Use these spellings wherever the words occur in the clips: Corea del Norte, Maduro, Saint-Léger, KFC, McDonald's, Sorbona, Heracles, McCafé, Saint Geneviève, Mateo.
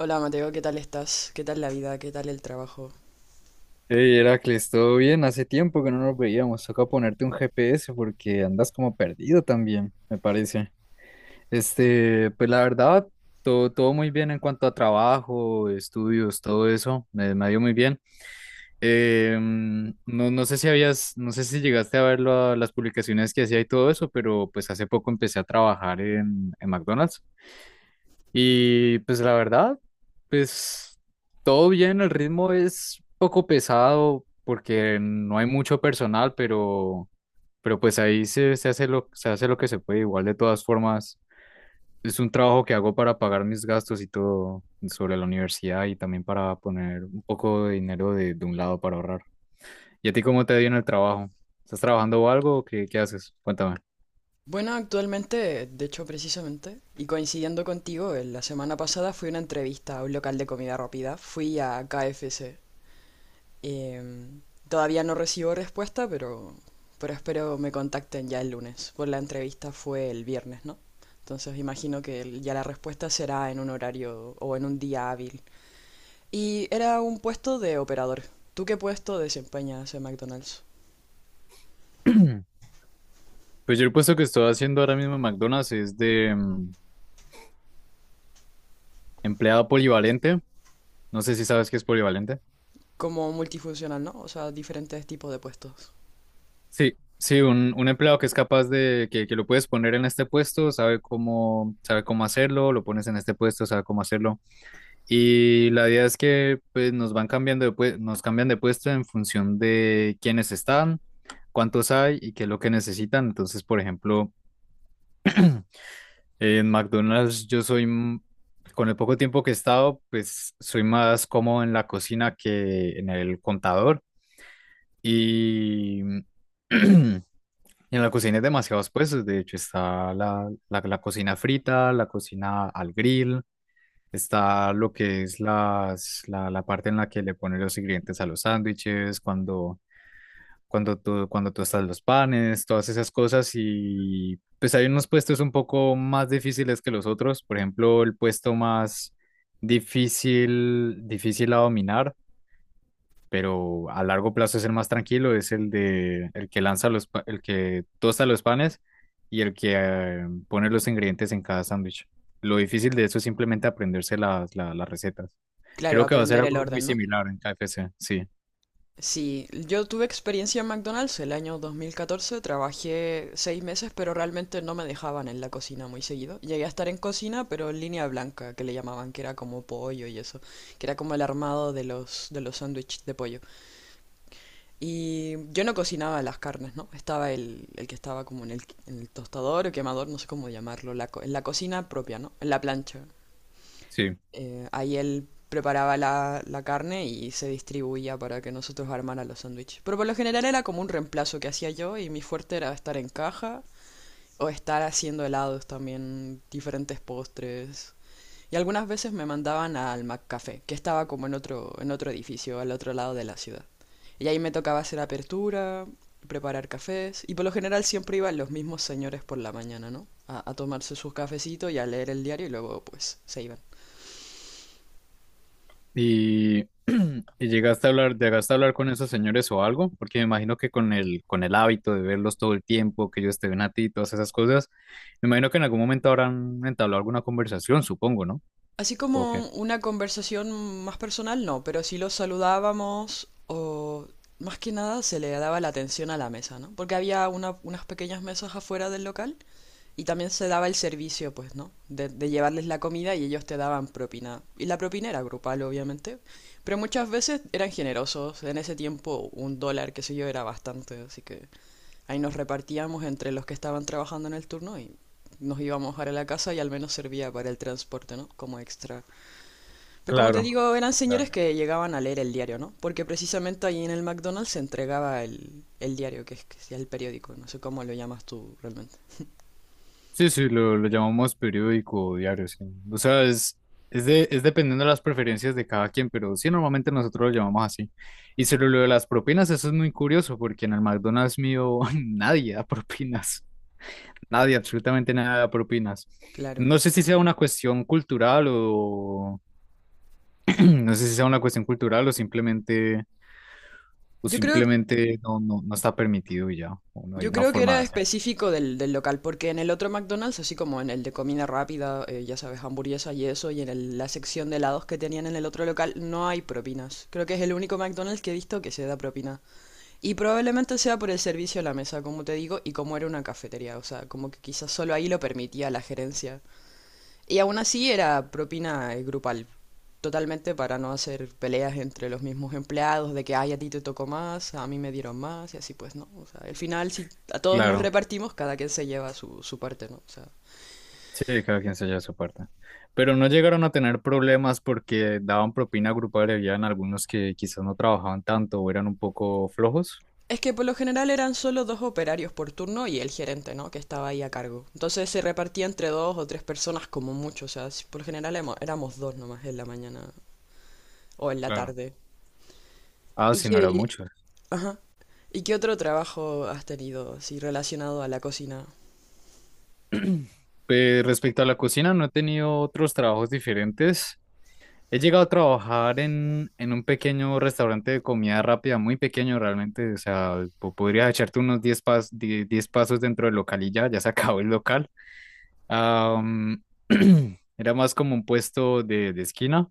Hola Mateo, ¿qué tal estás? ¿Qué tal la vida? ¿Qué tal el trabajo? Hey Heracles, ¿todo bien? Hace tiempo que no nos veíamos. Toca ponerte un GPS porque andas como perdido también, me parece. Este, pues la verdad, todo muy bien en cuanto a trabajo, estudios, todo eso. Me ha ido muy bien. No sé si habías, no sé si llegaste a ver las publicaciones que hacía y todo eso, pero pues hace poco empecé a trabajar en McDonald's. Y pues la verdad, pues todo bien, el ritmo es poco pesado porque no hay mucho personal, pero pues ahí se hace se hace lo que se puede. Igual de todas formas, es un trabajo que hago para pagar mis gastos y todo sobre la universidad y también para poner un poco de dinero de un lado para ahorrar. ¿Y a ti cómo te ha ido en el trabajo? ¿Estás trabajando o algo? ¿O qué haces? Cuéntame. Bueno, actualmente, de hecho precisamente, y coincidiendo contigo, en la semana pasada fui a una entrevista a un local de comida rápida, fui a KFC. Em, Todavía no recibo respuesta, pero espero me contacten ya el lunes, pues la entrevista fue el viernes, ¿no? Entonces imagino que ya la respuesta será en un horario o en un día hábil. Y era un puesto de operador. ¿Tú qué puesto desempeñas en McDonald's? Pues yo el puesto que estoy haciendo ahora mismo en McDonald's es de empleado polivalente. No sé si sabes qué es polivalente. Como multifuncional, ¿no? O sea, diferentes tipos de puestos. Sí, sí, un empleado que es capaz de, que lo puedes poner en este puesto, sabe sabe cómo hacerlo, lo pones en este puesto, sabe cómo hacerlo. Y la idea es que pues, nos van cambiando de, nos cambian de puesto en función de quiénes están, cuántos hay y qué es lo que necesitan. Entonces, por ejemplo, en McDonald's yo soy, con el poco tiempo que he estado, pues soy más cómodo en la cocina que en el contador. Y en la cocina hay demasiados puestos, de hecho está la cocina frita, la cocina al grill, está lo que es la parte en la que le ponen los ingredientes a los sándwiches, cuando, cuando tú estás los panes, todas esas cosas y pues hay unos puestos un poco más difíciles que los otros, por ejemplo, el puesto más difícil a dominar pero a largo plazo es el más tranquilo, es el de el que lanza el que tosta los panes y el que pone los ingredientes en cada sándwich. Lo difícil de eso es simplemente aprenderse las recetas. Claro, Creo que va a ser aprender el algo muy orden, ¿no? similar en KFC, sí, Sí, yo tuve experiencia en McDonald's el año 2014, trabajé seis meses, pero realmente no me dejaban en la cocina muy seguido. Llegué a estar en cocina, pero en línea blanca, que le llamaban, que era como pollo y eso, que era como el armado de los sándwiches de pollo. Y yo no cocinaba las carnes, ¿no? Estaba el que estaba como en el tostador o quemador, no sé cómo llamarlo, en la cocina propia, ¿no? En la plancha. sí. Ahí él preparaba la carne y se distribuía para que nosotros armara los sándwiches. Pero por lo general era como un reemplazo que hacía yo y mi fuerte era estar en caja o estar haciendo helados también, diferentes postres. Y algunas veces me mandaban al McCafé, que estaba como en otro edificio, al otro lado de la ciudad. Y ahí me tocaba hacer apertura, preparar cafés, y por lo general siempre iban los mismos señores por la mañana, ¿no? A tomarse sus cafecitos y a leer el diario y luego pues se iban. Y, y llegaste a hablar con esos señores o algo, porque me imagino que con el hábito de verlos todo el tiempo, que ellos te ven a ti, todas esas cosas, me imagino que en algún momento habrán entablado alguna conversación, supongo, ¿no? Así ¿O qué? como una conversación más personal, no, pero sí los saludábamos o más que nada se le daba la atención a la mesa, ¿no? Porque había unas pequeñas mesas afuera del local y también se daba el servicio, pues, ¿no? De llevarles la comida y ellos te daban propina. Y la propina era grupal, obviamente, pero muchas veces eran generosos. En ese tiempo un dólar, qué sé yo, era bastante, así que ahí nos repartíamos entre los que estaban trabajando en el turno y nos íbamos ahora a la casa y al menos servía para el transporte, ¿no? Como extra. Pero como te Claro. digo, eran Claro. señores que llegaban a leer el diario, ¿no? Porque precisamente ahí en el McDonald's se entregaba el diario, que es que sea el periódico, no sé cómo lo llamas tú realmente. Sí, sí, lo llamamos periódico o diario, sí. O sea, es dependiendo de las preferencias de cada quien, pero sí, normalmente nosotros lo llamamos así. Y sobre lo de las propinas, eso es muy curioso, porque en el McDonald's mío nadie da propinas, nadie, absolutamente nada da propinas. Claro. No sé si sea una cuestión cultural o no sé si sea una cuestión cultural o Yo creo simplemente no está permitido y ya, o no hay Yo una creo que forma era de hacerlo. específico del local, porque en el otro McDonald's, así como en el de comida rápida, ya sabes, hamburguesa y eso, y en la sección de helados que tenían en el otro local, no hay propinas. Creo que es el único McDonald's que he visto que se da propina. Y probablemente sea por el servicio a la mesa, como te digo, y como era una cafetería, o sea, como que quizás solo ahí lo permitía la gerencia. Y aún así era propina, grupal, totalmente para no hacer peleas entre los mismos empleados, de que, ay, a ti te tocó más, a mí me dieron más, y así pues, ¿no? O sea, al final, si a todos nos Claro. repartimos, cada quien se lleva su parte, ¿no? O sea, Sí, cada quien se lleva su parte. Pero no llegaron a tener problemas porque daban propina grupal y habían algunos que quizás no trabajaban tanto o eran un poco flojos. es que por lo general eran solo dos operarios por turno y el gerente, ¿no? Que estaba ahí a cargo. Entonces se repartía entre dos o tres personas como mucho, o sea, por lo general éramos dos nomás en la mañana o en la Claro. tarde. Ah, ¿Y sí, no eran qué, muchos. ajá, ¿y qué otro trabajo has tenido, así relacionado a la cocina? Pues, respecto a la cocina, no he tenido otros trabajos diferentes. He llegado a trabajar en un pequeño restaurante de comida rápida, muy pequeño realmente. O sea, podrías echarte unos 10 pasos dentro del local y ya, ya se acabó el local. Am, era más como un puesto de esquina.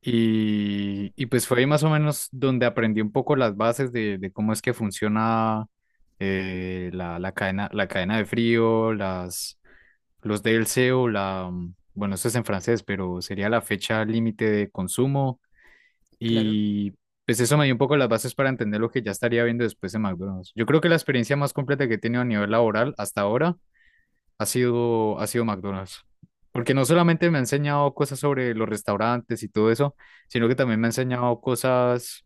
Y pues fue ahí más o menos donde aprendí un poco las bases de cómo es que funciona la cadena de frío, los DLC o bueno, eso es en francés, pero sería la fecha límite de consumo. Claro. Y pues eso me dio un poco las bases para entender lo que ya estaría viendo después de McDonald's. Yo creo que la experiencia más completa que he tenido a nivel laboral hasta ahora ha sido McDonald's. Porque no solamente me ha enseñado cosas sobre los restaurantes y todo eso, sino que también me ha enseñado cosas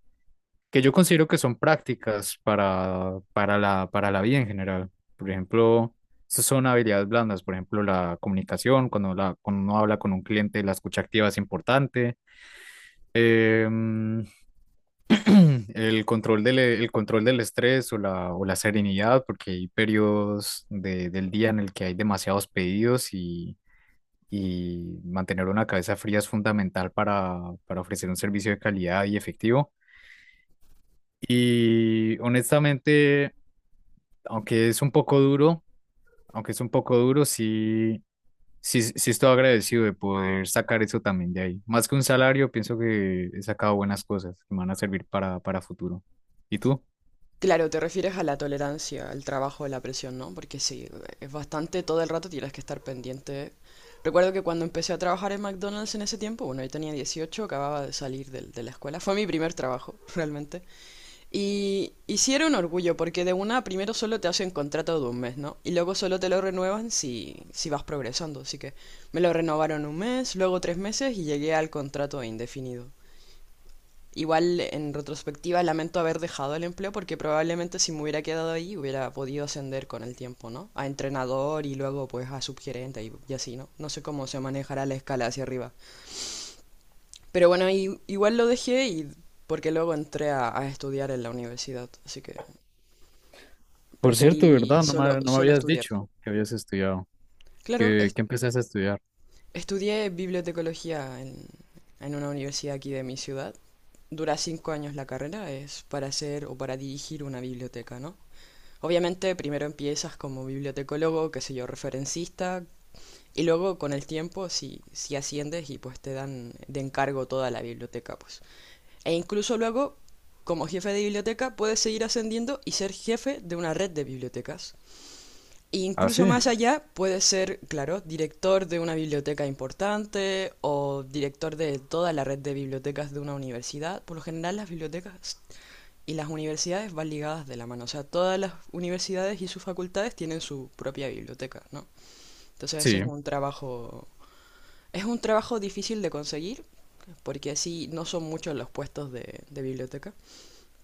que yo considero que son prácticas para, para la vida en general. Por ejemplo, esas son habilidades blandas. Por ejemplo, la comunicación, cuando uno habla con un cliente, la escucha activa es importante. Em, el control el control del estrés o la serenidad, porque hay periodos del día en el que hay demasiados pedidos y mantener una cabeza fría es fundamental para ofrecer un servicio de calidad y efectivo. Y honestamente, aunque es un poco duro, aunque es un poco duro, sí estoy agradecido de poder sacar eso también de ahí. Más que un salario, pienso que he sacado buenas cosas que me van a servir para futuro. ¿Y tú? Claro, te refieres a la tolerancia, al trabajo, a la presión, ¿no? Porque sí, es bastante, todo el rato tienes que estar pendiente. Recuerdo que cuando empecé a trabajar en McDonald's en ese tiempo, bueno, yo tenía 18, acababa de salir de la escuela, fue mi primer trabajo, realmente. Y sí era un orgullo, porque de una primero solo te hacen contrato de un mes, ¿no? Y luego solo te lo renuevan si vas progresando. Así que me lo renovaron un mes, luego tres meses y llegué al contrato indefinido. Igual en retrospectiva lamento haber dejado el empleo porque probablemente si me hubiera quedado ahí hubiera podido ascender con el tiempo, ¿no? A entrenador y luego pues a subgerente y así, ¿no? No sé cómo se manejará la escala hacia arriba. Pero bueno, igual lo dejé y porque luego entré a estudiar en la universidad, así que Por cierto, preferí ¿verdad? No me solo habías estudiar. dicho que habías estudiado, Claro, que empezaste a estudiar. estudié bibliotecología en una universidad aquí de mi ciudad. Dura 5 años la carrera, es para hacer o para dirigir una biblioteca, ¿no? Obviamente primero empiezas como bibliotecólogo, qué sé yo, referencista, y luego con el tiempo si asciendes y pues te dan de encargo toda la biblioteca, pues. E incluso luego, como jefe de biblioteca, puedes seguir ascendiendo y ser jefe de una red de bibliotecas. E Ah, incluso sí, más allá, puedes ser, claro, director de una biblioteca importante o director de toda la red de bibliotecas de una universidad. Por lo general las bibliotecas y las universidades van ligadas de la mano, o sea, todas las universidades y sus facultades tienen su propia biblioteca, ¿no? Entonces ese sí, es un trabajo difícil de conseguir, porque así no son muchos los puestos de biblioteca.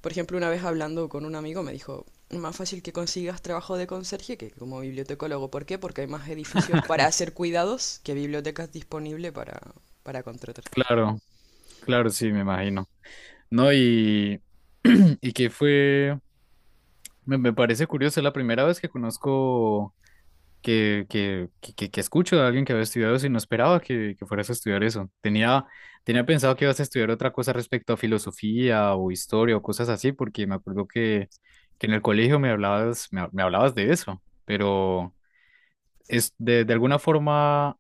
Por ejemplo, una vez hablando con un amigo me dijo, más fácil que consigas trabajo de conserje que como bibliotecólogo. ¿Por qué? Porque hay más edificios para hacer cuidados que bibliotecas disponibles para contratar. claro, claro, sí, me imagino. No, y, y que fue, me parece curioso, es la primera vez que conozco, que escucho a alguien que había estudiado eso y no esperaba que fueras a estudiar eso. Tenía pensado que ibas a estudiar otra cosa respecto a filosofía o historia o cosas así, porque me acuerdo que en el colegio me hablabas, me hablabas de eso, pero es de alguna forma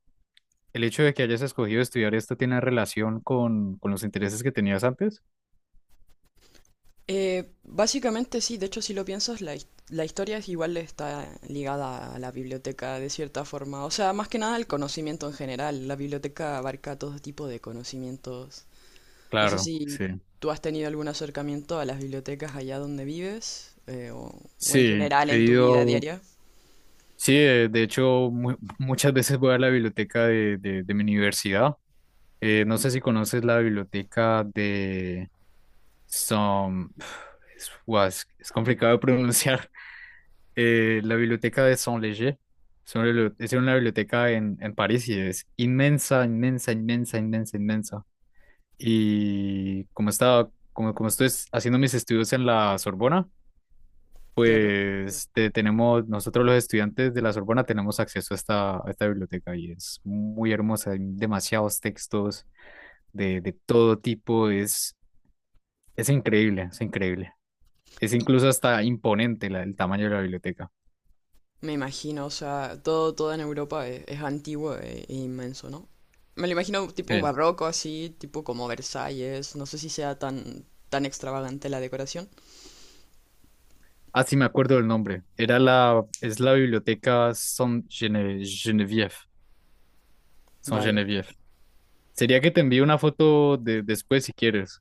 el hecho de que hayas escogido estudiar esto tiene relación con los intereses que tenías antes. Básicamente sí, de hecho si lo piensas, la historia es igual está ligada a la biblioteca de cierta forma, o sea, más que nada el conocimiento en general, la biblioteca abarca todo tipo de conocimientos. No sé Claro, si sí. tú has tenido algún acercamiento a las bibliotecas allá donde vives, o en Sí, general he en tu vida ido, diaria. sí, de hecho muchas veces voy a la biblioteca de mi universidad. No sé si conoces la biblioteca de Saint, es, guau, es complicado de pronunciar. La biblioteca de Saint-Léger. Es una es una biblioteca en París y es inmensa, inmensa, inmensa, inmensa, inmensa. Y como estaba, como, como estoy haciendo mis estudios en la Sorbona, Claro. pues tenemos, nosotros los estudiantes de la Sorbona tenemos acceso a a esta biblioteca y es muy hermosa, hay demasiados textos de todo tipo, es increíble, es increíble. Es incluso hasta imponente el tamaño de la biblioteca. Me imagino, o sea, todo, todo en Europa es antiguo e inmenso, ¿no? Me lo imagino tipo Sí. barroco así, tipo como Versalles, no sé si sea tan, tan extravagante la decoración. Ah, sí, me acuerdo del nombre. Era es la biblioteca Geneviève. Saint Vaya. Geneviève. Sería que te envíe una foto de, después si quieres.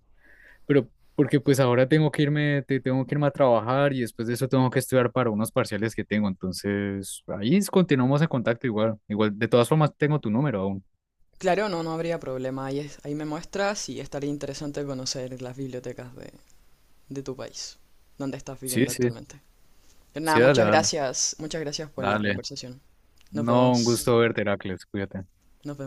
Pero porque pues ahora tengo que irme, tengo que irme a trabajar y después de eso tengo que estudiar para unos parciales que tengo. Entonces, ahí continuamos en contacto igual. Igual, de todas formas, tengo tu número aún. Claro, no, no habría problema, ahí, ahí me muestras y estaría interesante conocer las bibliotecas de tu país, donde estás Sí, viviendo sí, actualmente. Pero sí, nada, dale, dale, muchas gracias por la dale. conversación. Nos No, un vemos, gusto verte, Heracles, cuídate. nos vemos.